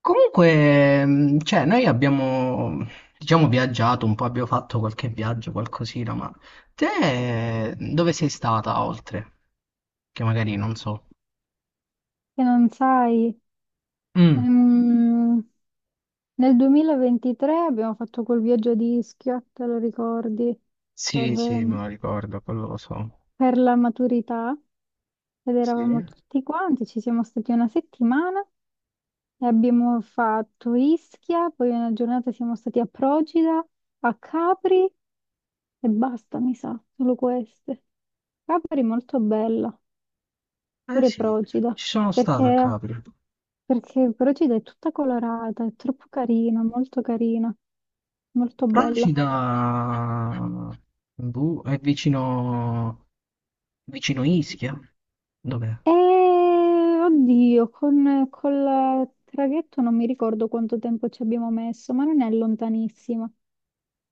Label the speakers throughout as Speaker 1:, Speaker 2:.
Speaker 1: Comunque, cioè, noi abbiamo, diciamo, viaggiato un po', abbiamo fatto qualche viaggio, qualcosina, ma te dove sei stata oltre? Che magari non so.
Speaker 2: Che non sai,
Speaker 1: Mm,
Speaker 2: ehm, nel 2023 abbiamo fatto quel viaggio di Ischia, te lo ricordi, per,
Speaker 1: sì, sì, me
Speaker 2: ehm,
Speaker 1: lo ricordo, quello lo so.
Speaker 2: per la maturità, ed
Speaker 1: Sì?
Speaker 2: eravamo
Speaker 1: Eh
Speaker 2: tutti quanti, ci siamo stati 1 settimana e abbiamo fatto Ischia, poi una giornata siamo stati a Procida, a Capri e basta, mi sa, solo queste. Capri molto bella, pure
Speaker 1: sì,
Speaker 2: Procida,
Speaker 1: ci sono stato a
Speaker 2: perché
Speaker 1: Capri.
Speaker 2: Perché però ci dai tutta colorata, è troppo carina, molto bella.
Speaker 1: Procida, boh, è vicino, vicino Ischia. Dov'è?
Speaker 2: E oddio, col traghetto non mi ricordo quanto tempo ci abbiamo messo, ma non è lontanissima,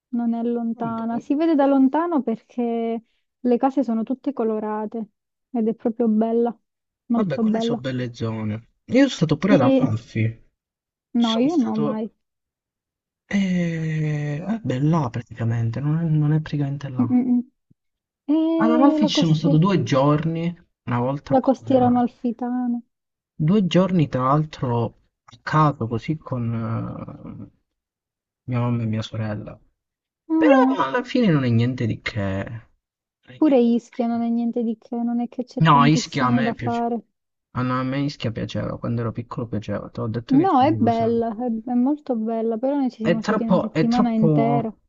Speaker 2: non è lontana.
Speaker 1: Vabbè,
Speaker 2: Si vede da lontano perché le case sono tutte colorate ed è proprio bella,
Speaker 1: vabbè,
Speaker 2: molto
Speaker 1: quelle sono
Speaker 2: bella.
Speaker 1: belle zone. Io sono stato pure ad
Speaker 2: Sì,
Speaker 1: Amalfi.
Speaker 2: no,
Speaker 1: Sono
Speaker 2: io no
Speaker 1: stato...
Speaker 2: mai.
Speaker 1: Vabbè, là praticamente, non è. Praticamente
Speaker 2: Mm,
Speaker 1: là.
Speaker 2: mm,
Speaker 1: Ad
Speaker 2: mm. E
Speaker 1: Amalfi ci sono stato due giorni, una volta
Speaker 2: la
Speaker 1: con...
Speaker 2: costiera
Speaker 1: eh,
Speaker 2: amalfitana.
Speaker 1: Due giorni tra l'altro a caso, così con mia mamma e mia sorella.
Speaker 2: Ah.
Speaker 1: Però alla fine non è niente di che. Non è
Speaker 2: Pure
Speaker 1: niente di
Speaker 2: Ischia
Speaker 1: che.
Speaker 2: non è niente di che, non è che c'è
Speaker 1: No, Ischia a
Speaker 2: tantissimo
Speaker 1: me
Speaker 2: da
Speaker 1: piace.
Speaker 2: fare.
Speaker 1: Ah, no, a me Ischia piaceva, quando ero piccolo piaceva, te l'ho detto che ci
Speaker 2: No, è
Speaker 1: andavo
Speaker 2: bella,
Speaker 1: sempre.
Speaker 2: è molto bella, però noi ci
Speaker 1: È
Speaker 2: siamo stati una
Speaker 1: troppo, è
Speaker 2: settimana intera.
Speaker 1: troppo,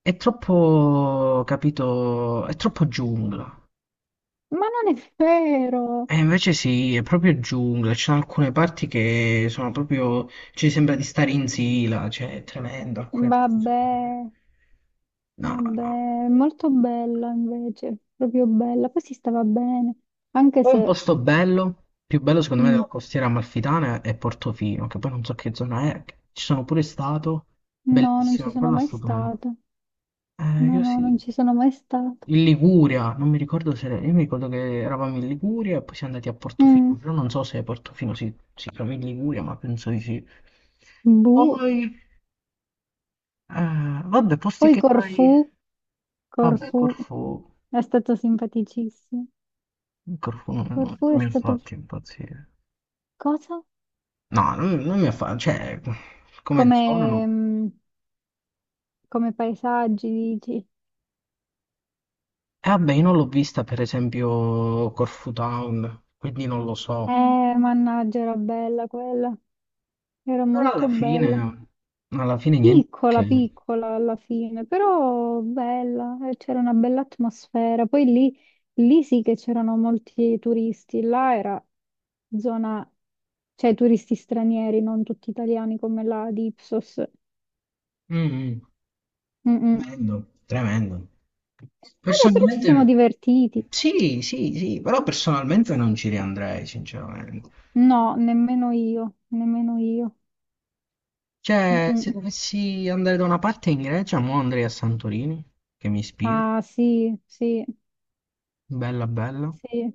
Speaker 1: è troppo, capito, è troppo giungla.
Speaker 2: Ma non è vero!
Speaker 1: E invece sì, è proprio giungla, ci sono alcune parti che sono proprio, ci sembra di stare in Sila, cioè è tremendo.
Speaker 2: Vabbè,
Speaker 1: No, no.
Speaker 2: vabbè, è molto bella invece, proprio bella. Poi si stava bene, anche
Speaker 1: Poi un
Speaker 2: se
Speaker 1: posto bello, più bello secondo me
Speaker 2: mm,
Speaker 1: della costiera amalfitana è Portofino, che poi non so che zona è, ci sono pure stato,
Speaker 2: no, non ci
Speaker 1: bellissimo,
Speaker 2: sono
Speaker 1: quello è
Speaker 2: mai
Speaker 1: stupendo.
Speaker 2: stata. No,
Speaker 1: Io
Speaker 2: no, non
Speaker 1: sì.
Speaker 2: ci sono mai stata.
Speaker 1: In Liguria, non mi ricordo se... Io mi ricordo che eravamo in Liguria e poi siamo andati a
Speaker 2: Mm,
Speaker 1: Portofino, però non so se Portofino si chiama in Liguria, ma penso di sì.
Speaker 2: boh.
Speaker 1: Poi, vabbè, posti
Speaker 2: Poi
Speaker 1: che fai.
Speaker 2: Corfù,
Speaker 1: Vabbè,
Speaker 2: Corfù
Speaker 1: Corfu.
Speaker 2: è stato simpaticissimo.
Speaker 1: Corfu non
Speaker 2: Corfù è
Speaker 1: mi ha
Speaker 2: stato...
Speaker 1: fatto impazzire.
Speaker 2: Cosa?
Speaker 1: No, non mi ha fatto. Cioè,
Speaker 2: Come,
Speaker 1: come zona no.
Speaker 2: mm, come paesaggi, dici?
Speaker 1: E vabbè, io non l'ho vista, per esempio, Corfu Town, quindi non lo so.
Speaker 2: Mannaggia, era bella quella. Era
Speaker 1: Però
Speaker 2: molto
Speaker 1: alla
Speaker 2: bella.
Speaker 1: fine. Alla fine niente
Speaker 2: Piccola,
Speaker 1: che.
Speaker 2: piccola alla fine, però bella. C'era una bella atmosfera. Poi lì, lì sì che c'erano molti turisti. Là era zona, cioè turisti stranieri, non tutti italiani come la di Ipsos.
Speaker 1: Mh-mh.
Speaker 2: Mm-mm.
Speaker 1: Tremendo, tremendo.
Speaker 2: Vabbè, però ci siamo
Speaker 1: Personalmente
Speaker 2: divertiti.
Speaker 1: sì, sì, sì, però personalmente non ci riandrei sinceramente.
Speaker 2: No, nemmeno io, nemmeno io. Mm,
Speaker 1: Cioè, se
Speaker 2: mm.
Speaker 1: dovessi andare da una parte in Grecia, mo andrei a Santorini, che mi ispira,
Speaker 2: Ah, sì, sì,
Speaker 1: bella bella.
Speaker 2: sì.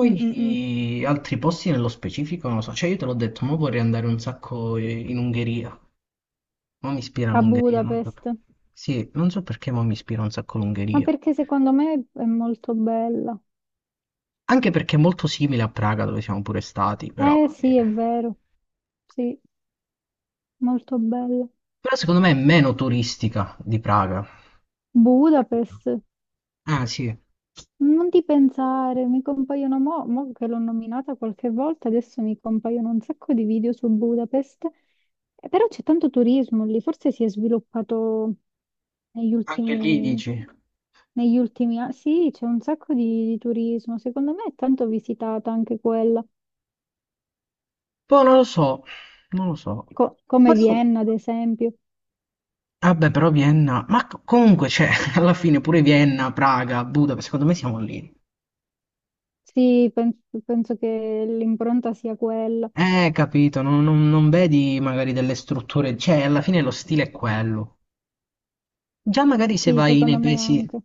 Speaker 2: Mm, mm, mm.
Speaker 1: altri posti nello specifico non lo so, cioè io te l'ho detto, mo vorrei andare un sacco in Ungheria, mo mi ispira
Speaker 2: A
Speaker 1: l'Ungheria, non so
Speaker 2: Budapest.
Speaker 1: per- Sì, non so perché mo mi ispira un sacco
Speaker 2: Ma
Speaker 1: l'Ungheria.
Speaker 2: perché secondo me è molto bella.
Speaker 1: Anche perché è molto simile a Praga dove siamo pure stati, però...
Speaker 2: Eh
Speaker 1: eh.
Speaker 2: sì, è vero. Sì, molto bella.
Speaker 1: Però secondo me è meno turistica di Praga. Capito?
Speaker 2: Budapest.
Speaker 1: Ah sì,
Speaker 2: Non ti pensare, mi compaiono mo che l'ho nominata qualche volta, adesso mi compaiono un sacco di video su Budapest. Però c'è tanto turismo lì, forse si è sviluppato negli
Speaker 1: anche lì
Speaker 2: ultimi,
Speaker 1: dici.
Speaker 2: negli ultimi anni. Sì, c'è un sacco di, turismo, secondo me è tanto visitata anche quella,
Speaker 1: Poi non lo so, non lo so.
Speaker 2: Come
Speaker 1: Forse.
Speaker 2: Vienna ad esempio.
Speaker 1: Vabbè, però Vienna, ma comunque c'è, alla fine pure Vienna, Praga, Budapest, secondo me siamo lì.
Speaker 2: Sì, penso, penso che l'impronta sia quella.
Speaker 1: Capito, non vedi magari delle strutture, cioè alla fine lo stile è quello. Già magari
Speaker 2: Sì, secondo me anche.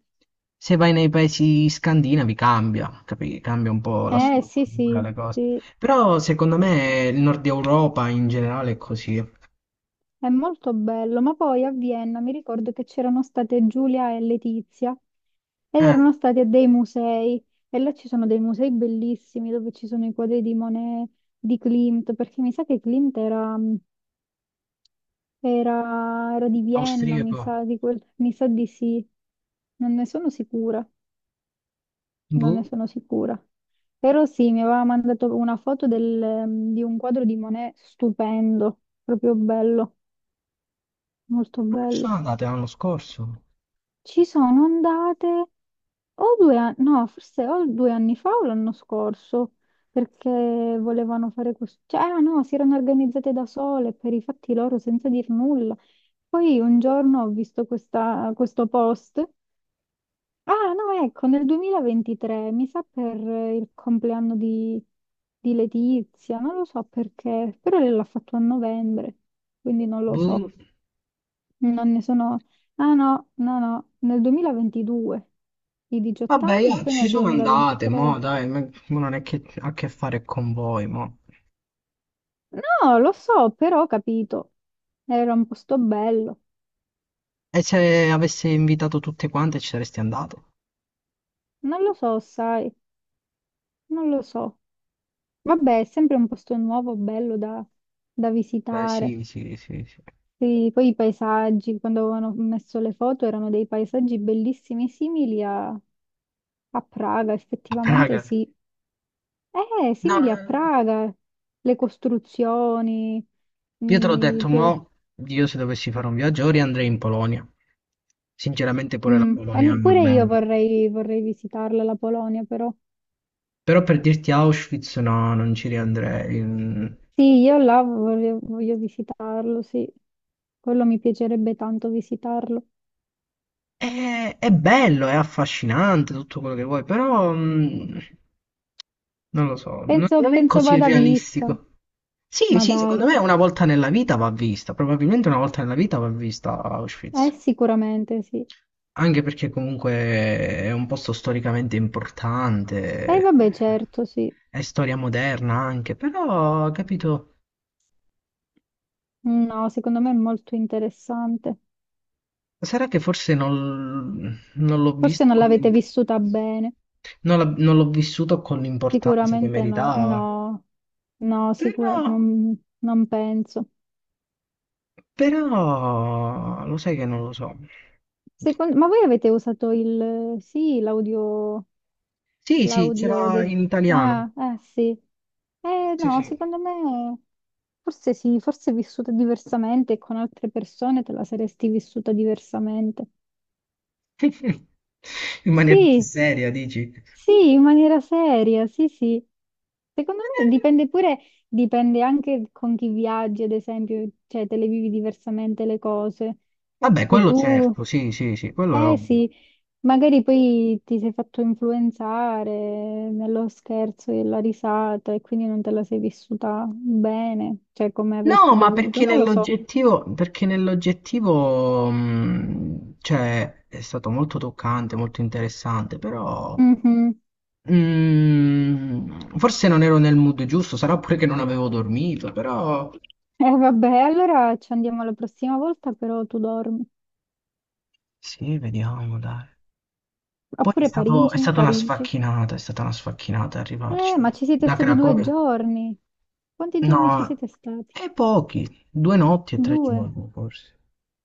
Speaker 1: se vai nei paesi scandinavi cambia, capi? Cambia un po' la
Speaker 2: Sì,
Speaker 1: struttura,
Speaker 2: sì,
Speaker 1: le cose.
Speaker 2: sì.
Speaker 1: Però secondo me il nord Europa in generale è così.
Speaker 2: È molto bello, ma poi a Vienna mi ricordo che c'erano state Giulia e Letizia ed
Speaker 1: Eh,
Speaker 2: erano stati a dei musei, e là ci sono dei musei bellissimi dove ci sono i quadri di Monet, di Klimt, perché mi sa che Klimt era di Vienna, mi
Speaker 1: austriaco.
Speaker 2: sa di, quel- mi sa di sì, non ne sono sicura, non ne
Speaker 1: Boh,
Speaker 2: sono sicura. Però sì, mi aveva mandato una foto di un quadro di Monet stupendo, proprio bello, molto
Speaker 1: non ci sono
Speaker 2: bello.
Speaker 1: andate l'anno scorso.
Speaker 2: Ci sono andate o 2 anni, no, forse o 2 anni fa o l'anno scorso, perché volevano fare questo, cioè, ah, no, si erano organizzate da sole per i fatti loro senza dir nulla. Poi un giorno ho visto questo post. Ah, no, ecco, nel 2023, mi sa per il compleanno di Letizia, non lo so perché, però lei l'ha fatto a novembre, quindi non lo so.
Speaker 1: Boh.
Speaker 2: Non ne sono... Ah no, no, no, nel 2022, i 18
Speaker 1: Vabbè,
Speaker 2: anni, e
Speaker 1: io
Speaker 2: poi
Speaker 1: ci
Speaker 2: nel
Speaker 1: sono andate,
Speaker 2: 2023.
Speaker 1: mo dai, ma non è che ha a che fare con voi, mo.
Speaker 2: No, lo so, però ho capito. Era un posto bello.
Speaker 1: E se avessi invitato tutte quante ci saresti andato?
Speaker 2: Non lo so, sai, non lo so. Vabbè, è sempre un posto nuovo, bello da, da
Speaker 1: Beh,
Speaker 2: visitare.
Speaker 1: sì, sì, sì, sì.
Speaker 2: Sì, poi i paesaggi, quando avevano messo le foto, erano dei paesaggi bellissimi, simili a, Praga,
Speaker 1: A
Speaker 2: effettivamente
Speaker 1: Praga.
Speaker 2: sì.
Speaker 1: No,
Speaker 2: Simili a Praga, le costruzioni,
Speaker 1: io te l'ho detto, mo,
Speaker 2: pure,
Speaker 1: io se dovessi fare un viaggio ora andrei in Polonia. Sinceramente pure la Polonia è
Speaker 2: e
Speaker 1: una
Speaker 2: pure io
Speaker 1: bella.
Speaker 2: vorrei visitarla la Polonia, però.
Speaker 1: Però per dirti Auschwitz no, non ci riandrei.
Speaker 2: Sì, io là voglio visitarlo, sì. Quello mi piacerebbe tanto visitarlo.
Speaker 1: È bello, è affascinante tutto quello che vuoi, però non lo so, non,
Speaker 2: Penso,
Speaker 1: non è
Speaker 2: penso
Speaker 1: così
Speaker 2: vada vista,
Speaker 1: realistico. Sì,
Speaker 2: ma
Speaker 1: sì,
Speaker 2: dai,
Speaker 1: secondo me una volta nella vita va vista, probabilmente una volta nella vita va vista Auschwitz.
Speaker 2: sicuramente sì.
Speaker 1: Anche perché comunque è un posto storicamente
Speaker 2: E
Speaker 1: importante,
Speaker 2: vabbè, certo, sì.
Speaker 1: è storia moderna anche, però, capito,
Speaker 2: No, secondo me è molto interessante.
Speaker 1: sarà che forse non, non l'ho
Speaker 2: Forse
Speaker 1: visto
Speaker 2: non l'avete
Speaker 1: con-
Speaker 2: vissuta bene.
Speaker 1: non l'ho non l'ho vissuto con l'importanza che
Speaker 2: Sicuramente no,
Speaker 1: meritava.
Speaker 2: no, no, sicura-
Speaker 1: Però,
Speaker 2: non, non penso.
Speaker 1: però, lo sai che non lo so.
Speaker 2: Ma voi avete usato il, sì, l'audio,
Speaker 1: Sì, sì,
Speaker 2: l'audio
Speaker 1: c'era
Speaker 2: de-
Speaker 1: in italiano.
Speaker 2: Ah, eh sì. Eh
Speaker 1: Sì,
Speaker 2: no,
Speaker 1: sì.
Speaker 2: secondo me forse sì, forse è vissuta diversamente e con altre persone te la saresti vissuta diversamente.
Speaker 1: In maniera più
Speaker 2: Sì,
Speaker 1: seria, dici?
Speaker 2: sì, in maniera seria, sì, sì. Secondo me dipende pure, dipende anche con chi viaggi, ad esempio, cioè te le vivi diversamente le cose.
Speaker 1: Vabbè,
Speaker 2: Se
Speaker 1: quello
Speaker 2: tu,
Speaker 1: certo, sì, sì, sì, quello è
Speaker 2: eh
Speaker 1: ovvio.
Speaker 2: sì, magari poi ti sei fatto influenzare nello scherzo e la risata e quindi non te la sei vissuta bene, cioè come
Speaker 1: No,
Speaker 2: avresti
Speaker 1: ma
Speaker 2: dovuto,
Speaker 1: perché
Speaker 2: non lo so.
Speaker 1: nell'oggettivo, cioè, è stato molto toccante, molto interessante, però
Speaker 2: Mhm.
Speaker 1: forse non ero nel mood giusto, sarà pure che non avevo dormito, però
Speaker 2: Eh vabbè, allora ci andiamo la prossima volta, però tu dormi.
Speaker 1: sì, vediamo, dai. Poi
Speaker 2: Oppure
Speaker 1: è
Speaker 2: Parigi,
Speaker 1: stata una
Speaker 2: Parigi.
Speaker 1: sfacchinata, è stata una sfacchinata arrivarci.
Speaker 2: Ma ci siete
Speaker 1: Da
Speaker 2: stati due
Speaker 1: Cracovia?
Speaker 2: giorni. Quanti giorni ci
Speaker 1: No,
Speaker 2: siete stati?
Speaker 1: e pochi, due notti e tre
Speaker 2: Due.
Speaker 1: giorni forse.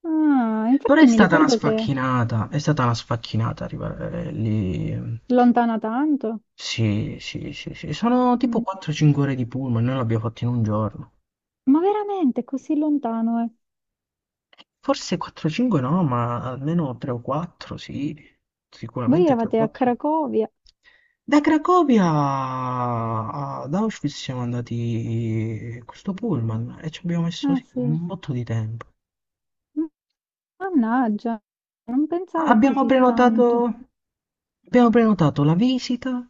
Speaker 2: Ah,
Speaker 1: Però
Speaker 2: infatti
Speaker 1: è
Speaker 2: mi
Speaker 1: stata una
Speaker 2: ricordo che è
Speaker 1: sfacchinata, è stata una sfacchinata arrivare lì.
Speaker 2: lontana tanto.
Speaker 1: Sì, sì, sì, sì. Sono tipo
Speaker 2: Mm.
Speaker 1: 4-5 ore di pullman, noi l'abbiamo fatto in un giorno.
Speaker 2: Ma veramente così lontano, eh?
Speaker 1: Forse 4-5 no, ma almeno 3 o 4, sì.
Speaker 2: Voi
Speaker 1: Sicuramente 3 o
Speaker 2: eravate a
Speaker 1: 4.
Speaker 2: Cracovia.
Speaker 1: Da Cracovia ad Auschwitz siamo andati con questo pullman e ci abbiamo messo
Speaker 2: Eh
Speaker 1: sì,
Speaker 2: sì.
Speaker 1: un botto di tempo.
Speaker 2: M- Mannaggia, non pensavo
Speaker 1: Abbiamo
Speaker 2: così tanto.
Speaker 1: prenotato, abbiamo prenotato la visita,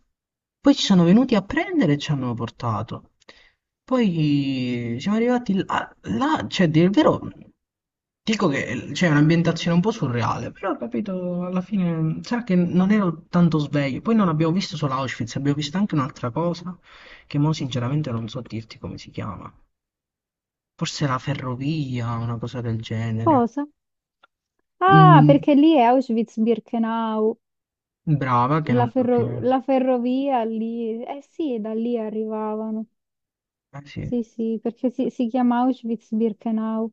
Speaker 1: poi ci sono venuti a prendere e ci hanno portato. Poi siamo arrivati là, cioè, a dire il vero, dico che c'è un'ambientazione un po' surreale, però capito, alla fine, sarà che non ero tanto sveglio. Poi non abbiamo visto solo Auschwitz, abbiamo visto anche un'altra cosa, che mo sinceramente non so dirti come si chiama. Forse la ferrovia, una cosa del genere.
Speaker 2: Cosa? Ah,
Speaker 1: Mm,
Speaker 2: perché lì è Auschwitz-Birkenau,
Speaker 1: brava, che non so che.
Speaker 2: la ferrovia lì. Eh sì, da lì arrivavano.
Speaker 1: Ah sì,
Speaker 2: Sì, sì, perché si chiama Auschwitz-Birkenau.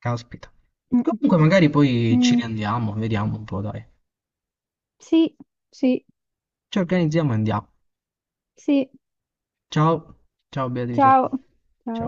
Speaker 1: caspita.
Speaker 2: Mm, mm.
Speaker 1: Comunque magari poi ci
Speaker 2: Mm,
Speaker 1: riandiamo, vediamo un po', dai.
Speaker 2: sì, sì,
Speaker 1: Ci organizziamo e andiamo.
Speaker 2: sì.
Speaker 1: Ciao, ciao Beatrice.
Speaker 2: Ciao. Ciao.
Speaker 1: Ciao.